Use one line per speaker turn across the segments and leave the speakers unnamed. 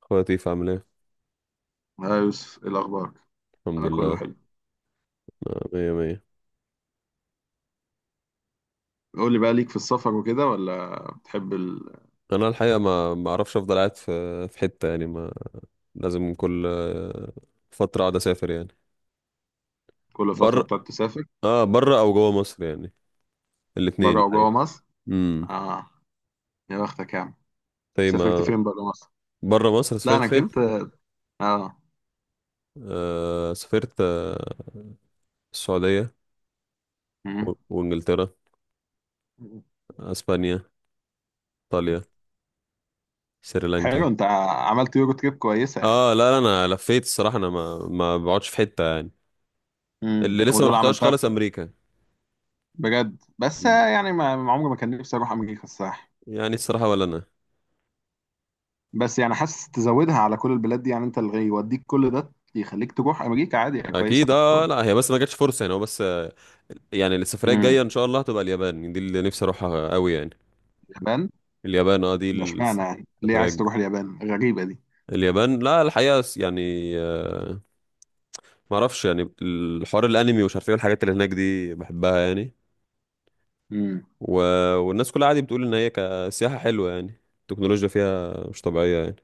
خواتيف عامل ايه.
ها يوسف، ايه الاخبار؟
الحمد
انا كله
لله.
حلو.
مية مية.
قول لي بقى، ليك في السفر وكده ولا بتحب ال...
انا الحقيقه ما اعرفش، افضل قاعد في في حته يعني، ما لازم كل فتره اقعد اسافر يعني
كل فتره
بره.
بتقعد تسافر؟
اه، بره او جوه مصر يعني، الاثنين
بره وجوه
الحقيقه.
مصر.
امم
اه. يا بختك يا عم.
طيب
سافرت
ما
فين بره مصر؟
بره مصر
لا
سافرت
انا
فين؟
جبت. اه.
سافرت السعوديه
مم.
وانجلترا، اسبانيا، ايطاليا، سريلانكا.
حلو، انت عملت يورو تريب كويسه يعني.
اه، لا لا انا لفيت الصراحه، انا ما بقعدش في حته يعني.
امم،
اللي لسه ما
ودول
رحتهاش
عملتها
خالص
في-
امريكا.
بجد. بس
مم.
يعني ما عمري ما كان نفسي اروح امريكا الصراحه.
يعني الصراحه ولا انا.
بس يعني حاسس تزودها على كل البلاد دي، يعني انت اللي يوديك كل ده يخليك تروح امريكا عادي، يعني كويسه
اكيد اه،
برضه.
لا هي بس ما جاتش فرصه يعني، هو بس يعني السفريه الجايه
امم.
ان شاء الله هتبقى اليابان، دي اللي نفسي اروحها قوي يعني.
اليابان.
اليابان اه،
ده اشمعنى يعني؟ ليه
السفريه
عايز
الج-
تروح اليابان، غريبة دي؟
اليابان، لا الحقيقه يعني آه، ما اعرفش، يعني الحوار الانمي ومش عارف ايه الحاجات اللي هناك دي بحبها يعني
امم.
و... والناس كلها عادي بتقول ان هي كسياحه حلوه، يعني التكنولوجيا فيها مش طبيعيه يعني،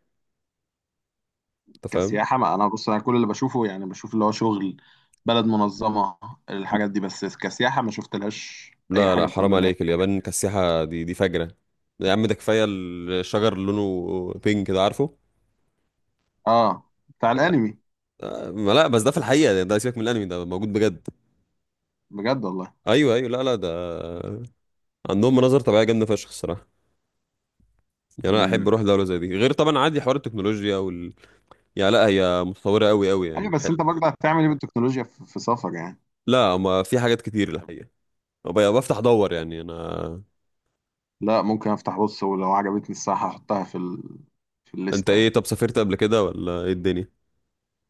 انت فاهم.
كسياحة، ما انا بص، انا كل اللي بشوفه يعني بشوف اللي هو شغل. بلد منظمة. الحاجات دي بس كسياحة ما شفتلهاش اي
لا لا
حاجة بتقول
حرام
لنا.
عليك، اليابان كسياحه دي فجره يا عم. ده كفايه الشجر اللي لونه بينك ده، عارفه.
اه، بتاع الانمي.
ما لا بس ده في الحقيقة ده سيبك من الانمي، ده موجود بجد.
بجد والله؟
ايوه ايوه، لا لا ده عندهم مناظر طبيعية جامدة فشخ الصراحة. يعني انا احب
امم.
اروح دولة زي دي، غير طبعا عادي حوار التكنولوجيا يعني، لا هي متطورة قوي قوي يعني
ايوه، بس انت برضه هتعمل ايه بالتكنولوجيا في سفر يعني؟
لا ما في حاجات كتير الحقيقة. أبقى بفتح دور يعني انا.
لا ممكن افتح، بص، ولو عجبتني الساعة هحطها في ال... في
انت
الليستة
ايه،
يعني.
طب سافرت قبل كده ولا ايه الدنيا؟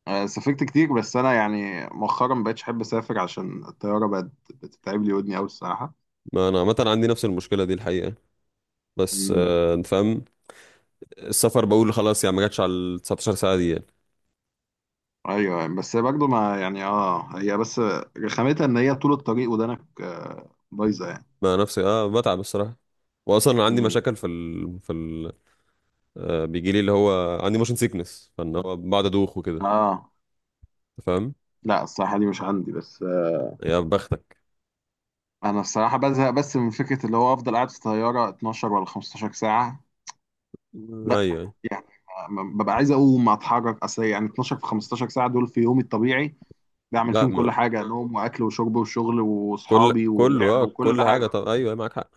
آه، سافرت كتير، بس انا يعني مؤخرا ما بقتش احب اسافر عشان الطيارة بقت بتتعب لي ودني قوي الصراحة.
ما انا عامة عندي نفس المشكلة دي الحقيقة. بس انت فاهم، السفر بقول خلاص، يعني ما جاتش على ال 19 ساعة دي يعني.
ايوه، بس برضه ما يعني، هي بس رخامتها ان هي طول الطريق ودانك بايظه يعني.
ما نفسي اه، بتعب الصراحة، واصلا عندي
امم.
مشاكل في بيجي لي اللي هو عندي موشن سيكنس، فان هو بقعد ادوخ وكده.
اه
أنت فاهم.
لا، الصراحه دي مش عندي، بس
يا بختك.
انا الصراحه بزهق بس من فكره اللي هو افضل قاعد في الطياره 12 ولا 15 ساعه.
ايوه
لا.
أيوة.
يعني ببقى عايز اقوم اتحرك، اصل يعني 12 في 15 ساعه دول في يومي الطبيعي بعمل
لا
فيهم
ما
كل حاجه، نوم واكل وشرب وشغل
كل
واصحابي
كله
ولعب
اه
وكل
كل حاجه.
حاجه.
طب ايوه أيوة، معاك حق،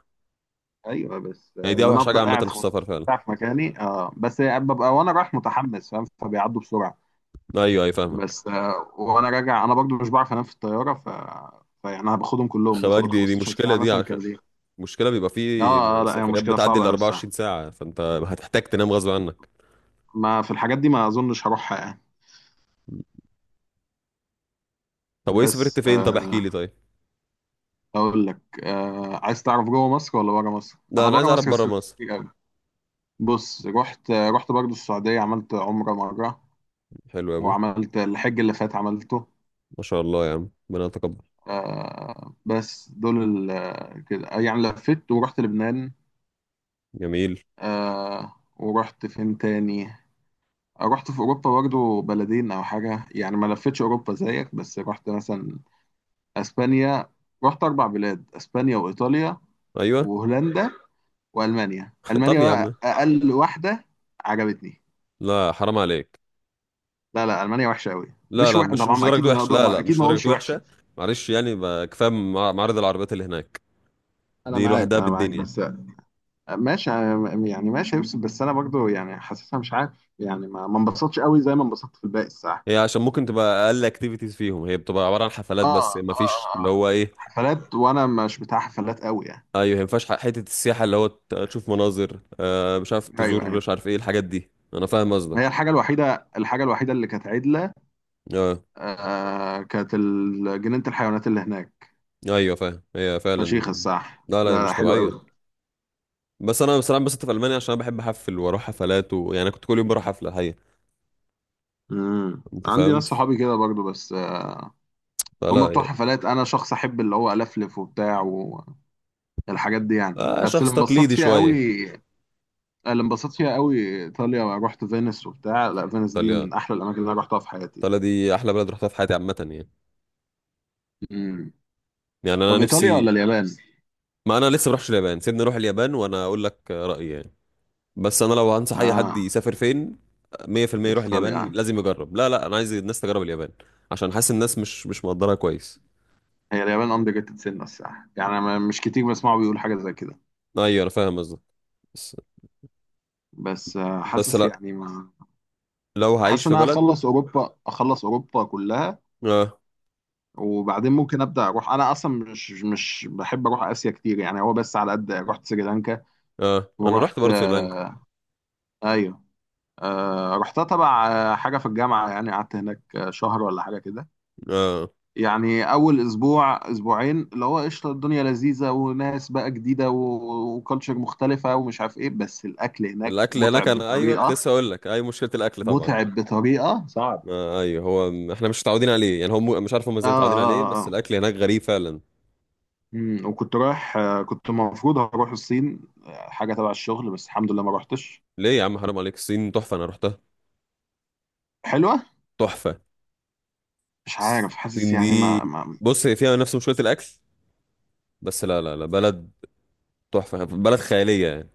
ايوه بس
يعني دي
ان انا
اوحش حاجه
افضل
عامه في
قاعد 15
السفر فعلا.
ساعه في مكاني. آه بس ببقى وانا رايح متحمس، فاهم؟ فبيعدوا بسرعه.
ايوه ايوه فاهمك.
بس وانا راجع انا برضو مش بعرف انام في الطياره، ف فيعني انا باخدهم كلهم،
خباك،
باخد ال
دي
15
مشكله
ساعه مثلا كارزير.
مشكله، بيبقى
اه.
في
لا هي
سفريات
مشكله
بتعدي
صعبه
ال
قوي
24
الساعه.
ساعه، فانت هتحتاج تنام غصب عنك.
ما في الحاجات دي ما اظنش هروحها يعني.
طب وايه، سافرت
بس
فين؟ طب احكي لي. طيب
اقول لك. عايز تعرف جوه مصر ولا بره مصر؟
لا،
انا
انا عايز
بره
اعرف
مصر
بره
سافرت
مصر.
كتير قوي. بص، رحت برضو السعوديه، عملت عمره مره.
حلو قوي.
وعملت الحج اللي فات، عملته.
ما شاء الله يا عم، ربنا يتقبل.
آه، بس دول ال كده يعني لفيت ورحت لبنان.
جميل.
آه، ورحت فين تاني؟ رحت في أوروبا برضو بلدين أو حاجة، يعني ما لفتش أوروبا زيك، بس رحت مثلا أسبانيا. رحت أربع بلاد، أسبانيا وإيطاليا
ايوه.
وهولندا وألمانيا.
طب
ألمانيا
يا
بقى
عم،
أقل واحدة عجبتني.
لا حرام عليك.
لا لا، ألمانيا وحشة أوي.
لا
مش
لا
وحشة
مش مش
طبعا، أكيد
درجة
ما
وحشة، لا لا
أكيد
مش
ما
درجة
أقولش وحشة.
وحشة. معلش يعني، كفاية معارض العربيات اللي هناك،
أنا
دي
معاك،
لوحدها
أنا معاك،
بالدنيا.
بس ماشي، يعني ماشي هيفصل، بس انا برضو يعني حاسسها، مش عارف، يعني ما انبسطتش قوي زي ما انبسطت في الباقي الساعه.
هي عشان ممكن تبقى أقل اكتيفيتيز فيهم، هي بتبقى عبارة عن حفلات
اه.
بس،
اه،
ما فيش
اه،
اللي
آه.
هو إيه.
حفلات، وانا مش بتاع حفلات قوي يعني.
أيوه، ما ينفعش، حتة السياحة اللي هو تشوف مناظر آه، مش عارف
ايوه
تزور
يعني،
مش عارف إيه الحاجات دي. أنا فاهم
هي
قصدك.
الحاجه الوحيده اللي كانت عدله.
آه
آه، كانت جنينه الحيوانات اللي هناك.
أيوه فاهم، هي فعلا.
فشيخ الصح،
لا لا هي
لا لا
مش
حلو قوي.
طبيعية. بس أنا بصراحة بس في ألمانيا، عشان أنا بحب أحفل وأروح حفلات، ويعني أنا كنت كل يوم بروح حفلة حقيقة.
امم،
أنت
عندي
فاهم.
ناس صحابي كده برضو، بس هم
فلا
بتوع
يعني.
حفلات، انا شخص احب اللي هو الفلف وبتاع والحاجات دي يعني.
آه
بس
شخص
اللي انبسطت
تقليدي
فيها
شوية.
قوي، اللي انبسطت فيها قوي ايطاليا. رحت فينيس وبتاع، لا فينيس دي
إيطاليا،
من احلى الاماكن اللي انا رحتها في حياتي.
ايطاليا دي احلى بلد رحتها في حياتي عامه يعني.
امم.
يعني انا
طب ايطاليا ولا
نفسي.
اليابان؟
ما انا لسه بروحش اليابان، سيبني اروح اليابان وانا اقول لك رايي يعني. بس انا لو هنصح اي حد
اه،
يسافر فين، 100% يروح
ايطاليا.
اليابان، لازم يجرب. لا لا انا عايز الناس تجرب اليابان، عشان حاسس الناس مش مش مقدرها كويس.
هي اليابان اندر ريتد سنه الصراحه، يعني مش كتير بسمعه بيقول حاجه زي كده.
ايوه انا فاهم قصدك. بس
بس
بس
حاسس
لا،
يعني ما
لو هعيش
حاسس
في
ان انا
بلد.
اخلص اوروبا كلها
اه
وبعدين ممكن ابدا اروح، انا اصلا مش بحب اروح اسيا كتير، يعني هو بس على قد. رحت سريلانكا
اه. انا رحت
ورحت
برضه سريلانكا.
ايوه. رحتها تبع حاجة في الجامعة، يعني قعدت هناك شهر ولا حاجة كده.
اه
يعني أول أسبوع أسبوعين اللي هو قشطة، الدنيا لذيذة وناس بقى جديدة وكالتشر مختلفة ومش عارف إيه، بس الأكل هناك
الاكل هناك.
متعب
انا ايوه كنت
بطريقة،
لسه اقول لك، اي مشكله الاكل طبعا.
متعب بطريقة صعب.
ايوه هو احنا مش متعودين عليه يعني، هم مش عارف هم
آه،
ازاي متعودين
آه،
عليه،
آه،
بس
آه.
الاكل هناك غريب فعلا.
وكنت رايح كنت المفروض هروح الصين حاجة تبع الشغل، بس الحمد لله ما روحتش.
ليه يا عم، حرام عليك، الصين تحفة، أنا رحتها،
حلوة.
تحفة.
مش عارف، حاسس
الصين
يعني
دي،
ما.
بص هي فيها نفس مشكلة الأكل، بس لا لا لا، بلد تحفة، بلد خيالية يعني.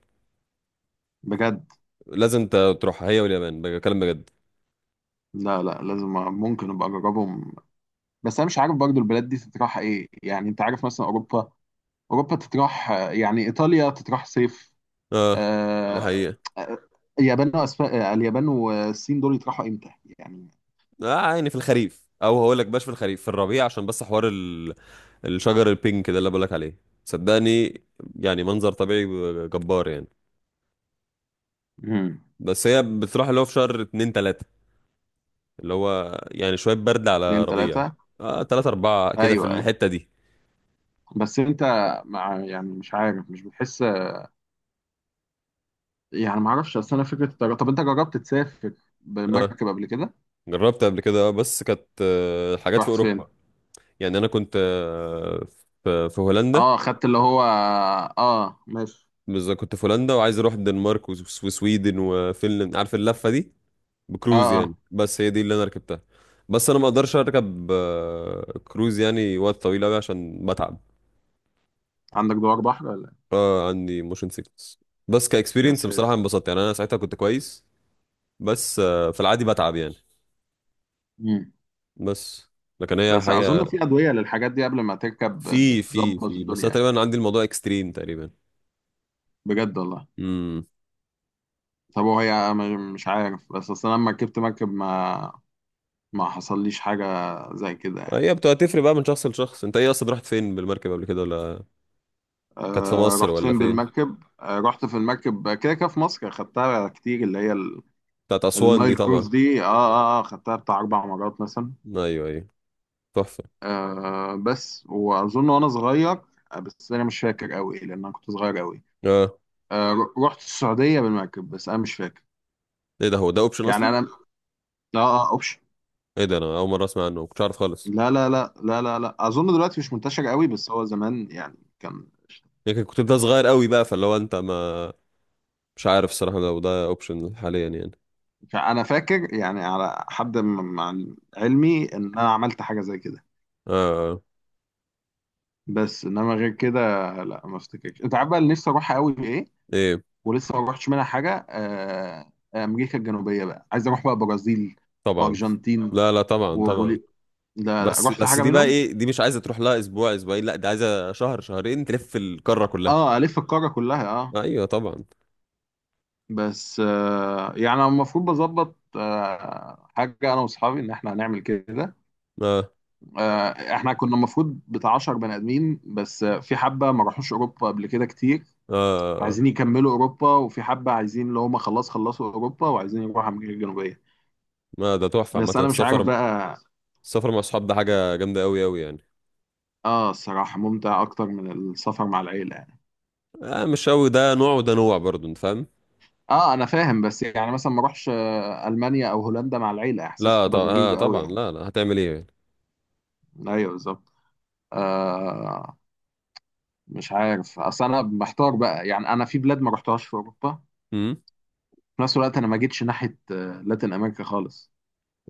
بجد.
لازم أنت تروحها، هي واليابان، بكلم بجد.
لا لا، لازم. ممكن أبقى أجربهم. بس انا مش عارف برضو البلاد دي تتراح ايه. يعني انت عارف مثلا اوروبا، تتراح، يعني ايطاليا تتراح صيف.
اه ده
آه،
حقيقة.
آه، اليابان وأسف... آه، اليابان والصين دول يتراحوا امتى يعني؟
اه يعني في الخريف، أو هقول لك باش في الخريف في الربيع، عشان بس حوار الشجر البينك ده اللي بقول لك عليه، صدقني. يعني منظر طبيعي جبار يعني.
مم.
بس هي بتروح اللي هو في شهر اتنين تلاتة، اللي هو يعني شوية برد على
اتنين
ربيع.
تلاتة؟
اه، تلاتة أربعة كده في
ايوه ايوه،
الحتة دي.
بس انت مع يعني مش عارف، مش بتحس، يعني ما اعرفش، اصل انا فكره الطيران. طب انت جربت تسافر
آه،
بالمركب قبل كده؟
جربت قبل كده بس كانت حاجات في
رحت فين؟
اوروبا. يعني انا كنت في في هولندا.
اه، خدت اللي هو اه، ماشي.
بالظبط، كنت في هولندا وعايز اروح الدنمارك وسويدن وفنلند، عارف اللفه دي،
اه
بكروز يعني.
اه،
بس هي دي اللي انا ركبتها. بس انا ما اقدرش اركب كروز يعني وقت طويل قوي عشان بتعب.
عندك دوار بحر ولا؟
عندي موشن سيكنس. بس
إيه؟ يا
كاكسبيرينس بصراحه
ساتر.
انبسطت، يعني انا ساعتها كنت كويس. بس في العادي بتعب يعني.
مم.
بس لكن هي
بس
حاجه.
اظن في ادويه للحاجات دي قبل ما تركب
في في
بتظبط
في بس
الدنيا
انا
يعني.
تقريبا عندي الموضوع اكستريم تقريبا.
بجد والله.
امم.
طب وهي مش عارف، بس اصل أنا لما ركبت مركب ما ما حصليش حاجه زي كده يعني.
هي بتبقى تفرق بقى من شخص لشخص. انت ايه اصلا، رحت فين بالمركب قبل كده ولا؟ كانت في
أه،
مصر
رحت
ولا
فين
فين؟
بالمركب؟ أه، رحت في المركب كده كده في مصر، خدتها كتير اللي هي
بتاعت اسوان دي
النايل
طبعا.
كروز دي. اه اه اه، خدتها بتاع اربع مرات مثلا.
ايوه ايوه، تحفه.
أه، بس واظن وانا صغير بس انا مش فاكر قوي لان انا كنت صغير قوي.
اه
أه، رحت السعوديه بالمركب، بس انا مش فاكر.
ايه ده، هو ده اوبشن
يعني
اصلا؟
انا، اه، اه اوبشن.
ايه ده، انا اول مره اسمع عنه، ما كنتش عارف خالص.
لا لا لا لا لا لا، اظن دلوقتي مش منتشر قوي، بس هو زمان يعني كان.
يمكن كنت ده صغير قوي بقى، فاللي هو انت ما، مش عارف الصراحه لو ده اوبشن حاليا يعني.
انا فاكر يعني على حد مع علمي ان انا عملت حاجه زي كده.
اه اه.
بس انما غير كده. لا ما افتكرش. انت عارف بقى اللي نفسي اروحها قوي ايه؟
ايه،
ولسه ما روحتش منها حاجه، امريكا الجنوبيه بقى، عايز اروح بقى برازيل
طبعا.
وارجنتين
لا لا طبعا طبعا.
وبولي. لا لا
بس
رحت
بس
حاجه
دي بقى
منهم.
ايه، دي مش عايزه تروح لها اسبوع اسبوعين، لا دي عايزه شهر شهرين تلف القاره كلها.
اه، الف القاره كلها اه.
ايوه طبعا.
بس يعني أنا المفروض بظبط حاجه انا واصحابي ان احنا هنعمل كده.
اه اه.
احنا كنا المفروض بتاع 10 بني ادمين، بس في حبه ما راحوش اوروبا قبل كده كتير،
آه. آه.
فعايزين يكملوا اوروبا، وفي حبه عايزين اللي هم خلاص خلصوا اوروبا وعايزين يروحوا امريكا الجنوبيه.
ما ده تحفه عامه
بس انا مش عارف
السفر.
بقى.
السفر مع الصحاب ده حاجة جامدة أوي أوي يعني.
اه الصراحه ممتع اكتر من السفر مع العيله يعني.
آه مش أوي، ده نوع وده نوع برضه، أنت فاهم؟
اه انا فاهم، بس يعني مثلا ما اروحش المانيا او هولندا مع العيله، احساس
لا طب
تبقى
آه
غريبه قوي
طبعا،
يعني.
لا لا هتعمل إيه يعني؟
ايوه بالظبط. آه. مش عارف، اصل انا محتار بقى، يعني انا في بلاد ما رحتهاش في اوروبا.
أمم.
في نفس الوقت انا ما جيتش ناحيه لاتين امريكا خالص.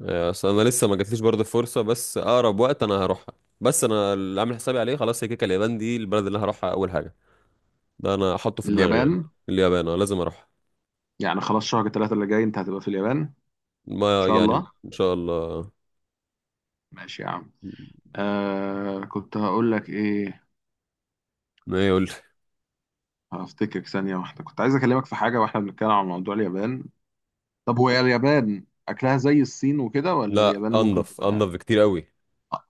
أصل أنا لسه ما جاتليش برضه الفرصة، بس أقرب وقت أنا هروحها. بس أنا اللي عامل حسابي عليه خلاص هي كيكة، اليابان دي البلد اللي هروحها أول حاجة. ده أنا أحطه في دماغي يعني.
اليابان.
اليابان أنا لازم أروحها.
يعني خلاص، شهر ثلاثة اللي جاي انت هتبقى في اليابان ان
ما
شاء
يعني
الله.
إن شاء الله.
ماشي يا عم. آه، كنت هقول لك ايه؟
ما يقول.
هفتكر ثانية واحدة، كنت عايز اكلمك في حاجة واحنا بنتكلم عن موضوع اليابان. طب هو اليابان اكلها زي الصين وكده ولا
لا،
اليابان ممكن
أنضف أنضف
تبقى
بكتير أوي.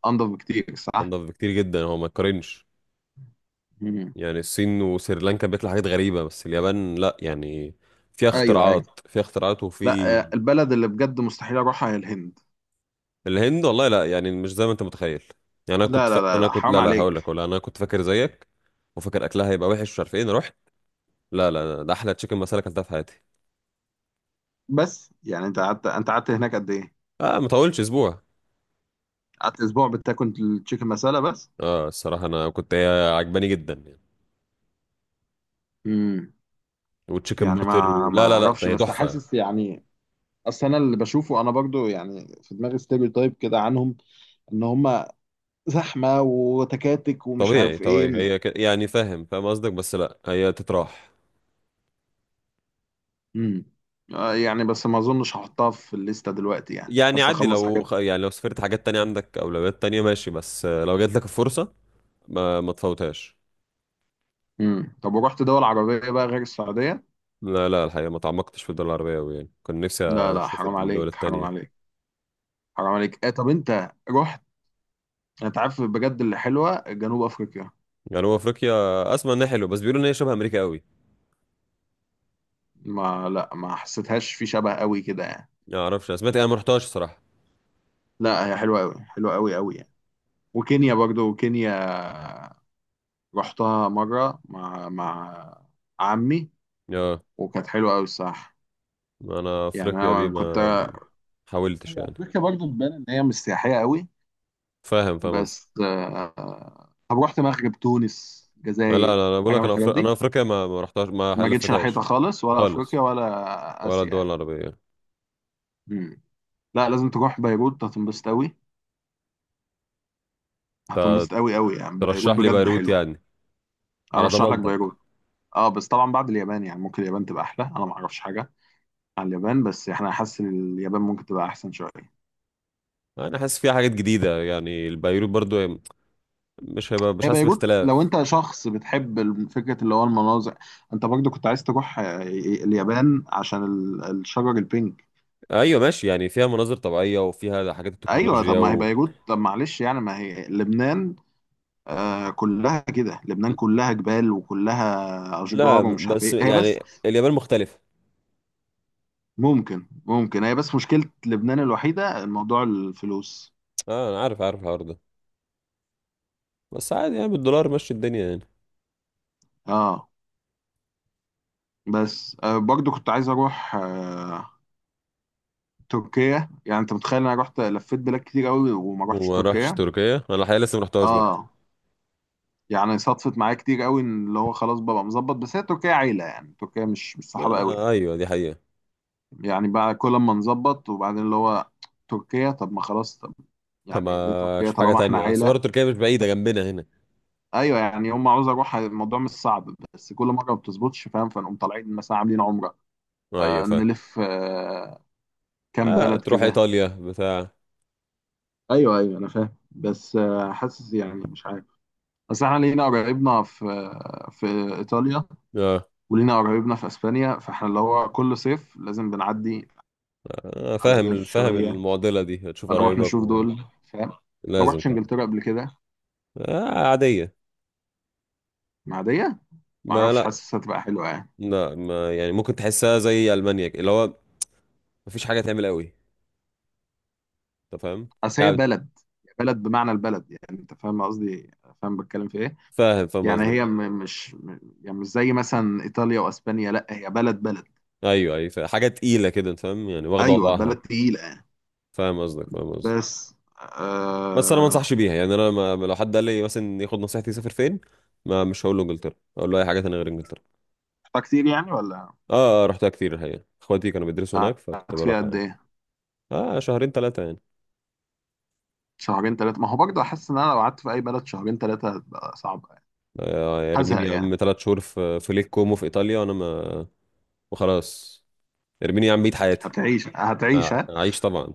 انضف بكتير، صح؟
أنضف بكتير جدا، هو ما يتقارنش.
مم.
يعني الصين وسريلانكا بيطلع حاجات غريبة، بس اليابان لا يعني، فيها
ايوه ايوه.
اختراعات، فيها اختراعات وفي.
لا، البلد اللي بجد مستحيل اروحها هي الهند.
الهند والله لا، يعني مش زي ما انت متخيل. يعني انا كنت
لا لا لا
انا
لا
كنت
حرام
لا لا
عليك.
هقول لك، ولا انا كنت فاكر زيك، وفاكر اكلها هيبقى وحش مش عارف ايه، انا رحت، لا لا ده احلى تشيكن مسالة اكلتها في حياتي.
بس يعني، انت قعدت هناك قد ايه؟
اه ما طولش اسبوع.
قعدت اسبوع بتاكل التشيكن مسالة بس؟
اه الصراحة انا كنت هي عجباني جدا يعني.
مم.
وتشيكن
يعني
باتر
ما ما
لا لا لا
اعرفش،
هي
بس
تحفة يعني.
حاسس يعني، اصل انا اللي بشوفه انا برضو يعني في دماغي ستيريو تايب كده عنهم، ان هم زحمه وتكاتك ومش
طبيعي
عارف ايه.
طبيعي هي يعني فاهم فاهم قصدك، بس لا هي تتراح
امم. يعني بس ما اظنش هحطها في الليسته دلوقتي، يعني
يعني.
بس
عادي،
اخلص
لو
حاجات.
يعني لو سافرت حاجات تانية عندك أولويات تانية، ماشي، بس لو جات لك الفرصة ما تفوتهاش.
امم. طب ورحت دول عربيه بقى غير السعوديه؟
لا لا الحقيقة، ما تعمقتش في الدول العربية أوي، يعني كان نفسي
لا لا
أشوف
حرام
الدول
عليك، حرام
التانية.
عليك حرام عليك. اه طب انت رحت، انت عارف بجد اللي حلوه؟ جنوب افريقيا.
يعني هو أفريقيا، أسمع إنها حلوة، بس بيقولوا إن هي شبه أمريكا أوي.
ما لا، ما حسيتهاش في شبه قوي كده يعني.
ما أعرفش، أنا سمعت، أنا ما رحتهاش الصراحة.
لا هي حلوه قوي، حلوه قوي قوي يعني. وكينيا برضو، كينيا رحتها مرة مع عمي
آه.
وكانت حلوة أوي الصراحة.
أنا
يعني
أفريقيا دي
أنا كنت.
ما حاولتش
هي
يعني.
أفريقيا برضو تبان إن هي مش سياحية أوي.
فاهم فاهم قصدي.
بس طب رحت مغرب تونس
لا
جزائر
لا أنا بقول
حاجة
لك،
من
أنا
الحاجات
أفريقيا، أنا
دي؟
أفريقيا ما رحتهاش، ما
ما جيتش ناحيتها
لفتهاش
خالص، ولا
خالص.
أفريقيا ولا
ولا
آسيا
الدول
يعني.
العربية.
مم. لا لازم تروح بيروت، هتنبسط أوي،
ت-
هتنبسط أوي أوي يعني. بيروت
ترشح لي
بجد
بيروت
حلوة.
يعني. على
أرشح لك
ضمانتك.
بيروت. أه بس طبعا بعد اليابان، يعني ممكن اليابان تبقى أحلى، أنا ما أعرفش حاجة على اليابان، بس احنا حاسس إن اليابان ممكن تبقى احسن شويه.
انا حاسس فيها حاجات جديده، يعني البيروت برضو يعني مش هيبقى، مش
هي
حاسس
بيروت لو
باختلاف.
انت شخص بتحب فكره اللي هو المناظر، انت برضه كنت عايز تروح آه، إيه، اليابان عشان الشجر البينك.
ايوه ماشي، يعني فيها مناظر طبيعيه وفيها حاجات
ايوه طب
التكنولوجيا
ما هي بيروت، طب معلش يعني ما هي لبنان. آه، كلها كده لبنان، كلها جبال وكلها
لا
اشجار ومش عارف
بس
ايه، هي بس
يعني اليابان مختلفه.
ممكن. هي بس مشكله لبنان الوحيده موضوع الفلوس.
اه انا عارف عارف الحوار ده، بس عادي يعني، بالدولار ماشي الدنيا يعني.
اه، بس برضه كنت عايز اروح تركيا. يعني انت متخيل انا رحت لفيت بلاد كتير قوي وما رحتش
وما رحتش
تركيا.
تركيا، انا الحقيقه لسه ما رحتهاش برضه.
اه، يعني صدفت معايا كتير قوي ان اللي هو خلاص ببقى مظبط، بس هي تركيا عيله يعني، تركيا مش صحابه قوي
آه
يعني.
ايوه دي حقيقه.
يعني بقى كل ما نظبط وبعدين اللي هو تركيا. طب ما خلاص، طب
طب
يعني ليه
ما
تركيا
اشوف حاجه
طالما احنا
تانية، اصل برضه
عيله؟
تركيا مش بعيده جنبنا هنا.
ايوه يعني هم، عاوز اروح، الموضوع مش صعب، بس كل مره ما بتظبطش فاهم، فنقوم طالعين مثلا عاملين عمره،
ايوه
آه
فاهم.
نلف كام
آه
بلد
تروح
كده.
ايطاليا بتاع.
ايوه ايوه انا فاهم، بس حاسس يعني مش عارف، بس احنا لينا قرايبنا في في ايطاليا،
اه
ولينا قرايبنا في اسبانيا، فاحنا اللي هو كل صيف لازم بنعدي على ده
فاهم فاهم،
شويه،
المعضله دي تشوف
فنروح
قرايبك
نشوف دول، فاهم. ما
لازم
رحتش
طبعا.
انجلترا قبل كده؟
آه عادية.
معديه. ما
ما
اعرفش،
لا،
حاسس هتبقى حلوه يعني.
لا ما يعني، ممكن تحسها زي ألمانيا كده، اللي هو مفيش حاجة تعمل قوي، انت فاهم
اصل هي
يعني.
بلد، بلد بمعنى البلد، يعني انت فاهم قصدي، فاهم بتكلم في ايه.
فاهم فاهم
يعني
قصدك.
هي م- مش م- يعني مش زي مثلا ايطاليا واسبانيا، لا هي بلد بلد.
ايوه ايوه فاهم. حاجة تقيلة كده، انت فاهم يعني، واخدة
ايوه
وضعها.
بلد تقيله يعني.
فاهم قصدك فاهم قصدك.
بس
بس انا ما
آه...
انصحش بيها يعني، انا لو حد قال لي مثلا ياخد نصيحتي يسافر فين، ما مش هقول له انجلترا، اقول له اي حاجة تانية غير انجلترا.
كتير يعني ولا؟
اه، آه رحتها كتير الحقيقة، اخواتي كانوا بيدرسوا هناك فكنت
قعدت
بروح
فيها قد
يعني.
ايه؟
اه شهرين ثلاثة يعني.
شهرين ثلاثة، ما هو برضه حاسس ان انا لو قعدت في اي بلد شهرين ثلاثة هتبقى صعبة يعني،
ارميني
هزهق
يا
يعني.
عم ثلاث شهور في في ليك كومو في ايطاليا وانا ما، وخلاص. ارميني يا عم، بيت حياتي.
هتعيش هتعيش
آه
ها؟
عايش طبعا.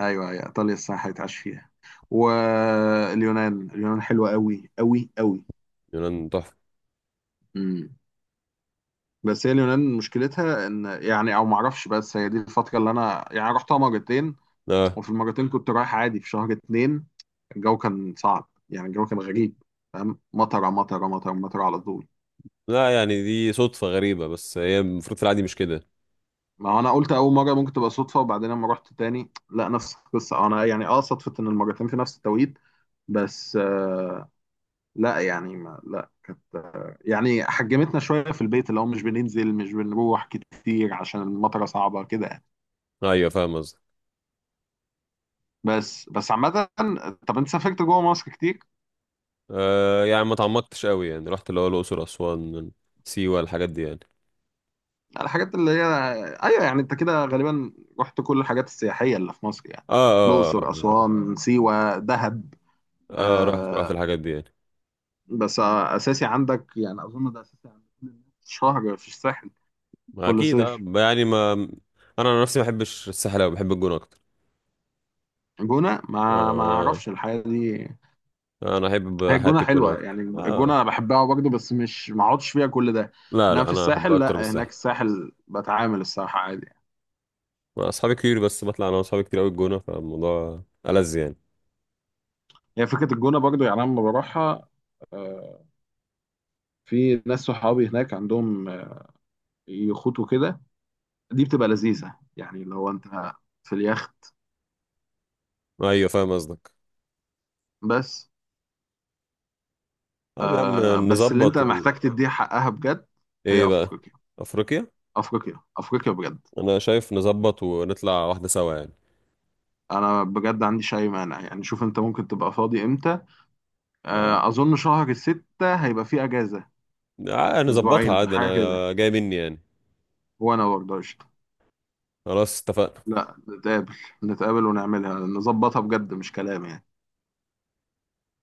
ايوه ايوه، ايطاليا الصراحة هيتعاش فيها. واليونان، اليونان حلوة قوي قوي قوي.
يونان تحفة.
امم. بس هي اليونان مشكلتها ان يعني او ما اعرفش، بس هي دي الفترة اللي انا يعني رحتها مرتين،
آه
وفي المرتين كنت رايح عادي في شهر اتنين، الجو كان صعب، يعني الجو كان غريب، فاهم، مطرة مطرة مطرة مطرة على طول.
لا يعني دي صدفة غريبة، بس هي المفروض في العادي مش كده.
ما هو انا قلت اول مره ممكن تبقى صدفه، وبعدين لما رحت تاني لا نفس القصه، انا يعني اه صدفه ان المرتين في نفس التوقيت. بس لا يعني ما لا، كانت يعني حجمتنا شويه في البيت، اللي هو مش بننزل مش بنروح كتير عشان المطره صعبه كده يعني.
أيوة فاهم قصدك.
بس عامه، طب انت سافرت جوه مصر كتير؟
آه يعني ما تعمقتش قوي، يعني رحت اللي هو الأقصر أسوان سيوة، الحاجات دي يعني.
الحاجات اللي هي ايوه يعني، انت كده غالبا رحت كل الحاجات السياحيه اللي في مصر يعني،
آه. آه,
الاقصر، اسوان، سيوه، دهب.
رحت رحت
آه.
الحاجات دي يعني.
بس اساسي عندك، يعني اظن ده اساسي عند كل الناس، شهر في الساحل كل
أكيد آه
صيف.
يعني ما. أنا عن نفسي ما بحبش الساحل أوي، بحب الجونة أكتر.
جونه، ما
آه.
اعرفش الحياه دي.
أنا أحب
هي
حياة
الجونه
الجونة
حلوه،
أكتر.
يعني
آه.
الجونه انا بحبها برضه، بس مش ما اقعدش فيها كل ده.
لا
انما
لا
في
أنا أحبها
الساحل
أكتر من
لا، هناك
الساحل.
الساحل بتعامل الصراحه عادي يعني.
أصحابي كتير، بس بطلع أنا وأصحابي كتير أوي الجونة، فالموضوع ألذ يعني.
هي فكره الجونه برضه، يعني انا لما بروحها آه، في ناس صحابي هناك عندهم يخوت وكده، دي بتبقى لذيذه يعني لو انت في اليخت.
أيوة فاهم قصدك.
بس
طب يا عم
بس اللي انت
نظبط و.
محتاج تديه حقها بجد
ايه
هي
بقى؟
افريقيا،
افريقيا.
افريقيا افريقيا بجد.
انا شايف نظبط ونطلع واحده سوا يعني.
انا بجد عنديش اي مانع يعني، شوف انت ممكن تبقى فاضي امتى؟
آه،
اظن شهر الستة هيبقى فيه اجازة،
نظبطها
اسبوعين
عادي،
حاجة كده،
انا جاي مني يعني.
وانا برضه قشطة.
خلاص اتفقنا.
لا نتقابل، نتقابل ونعملها، نظبطها بجد مش كلام يعني.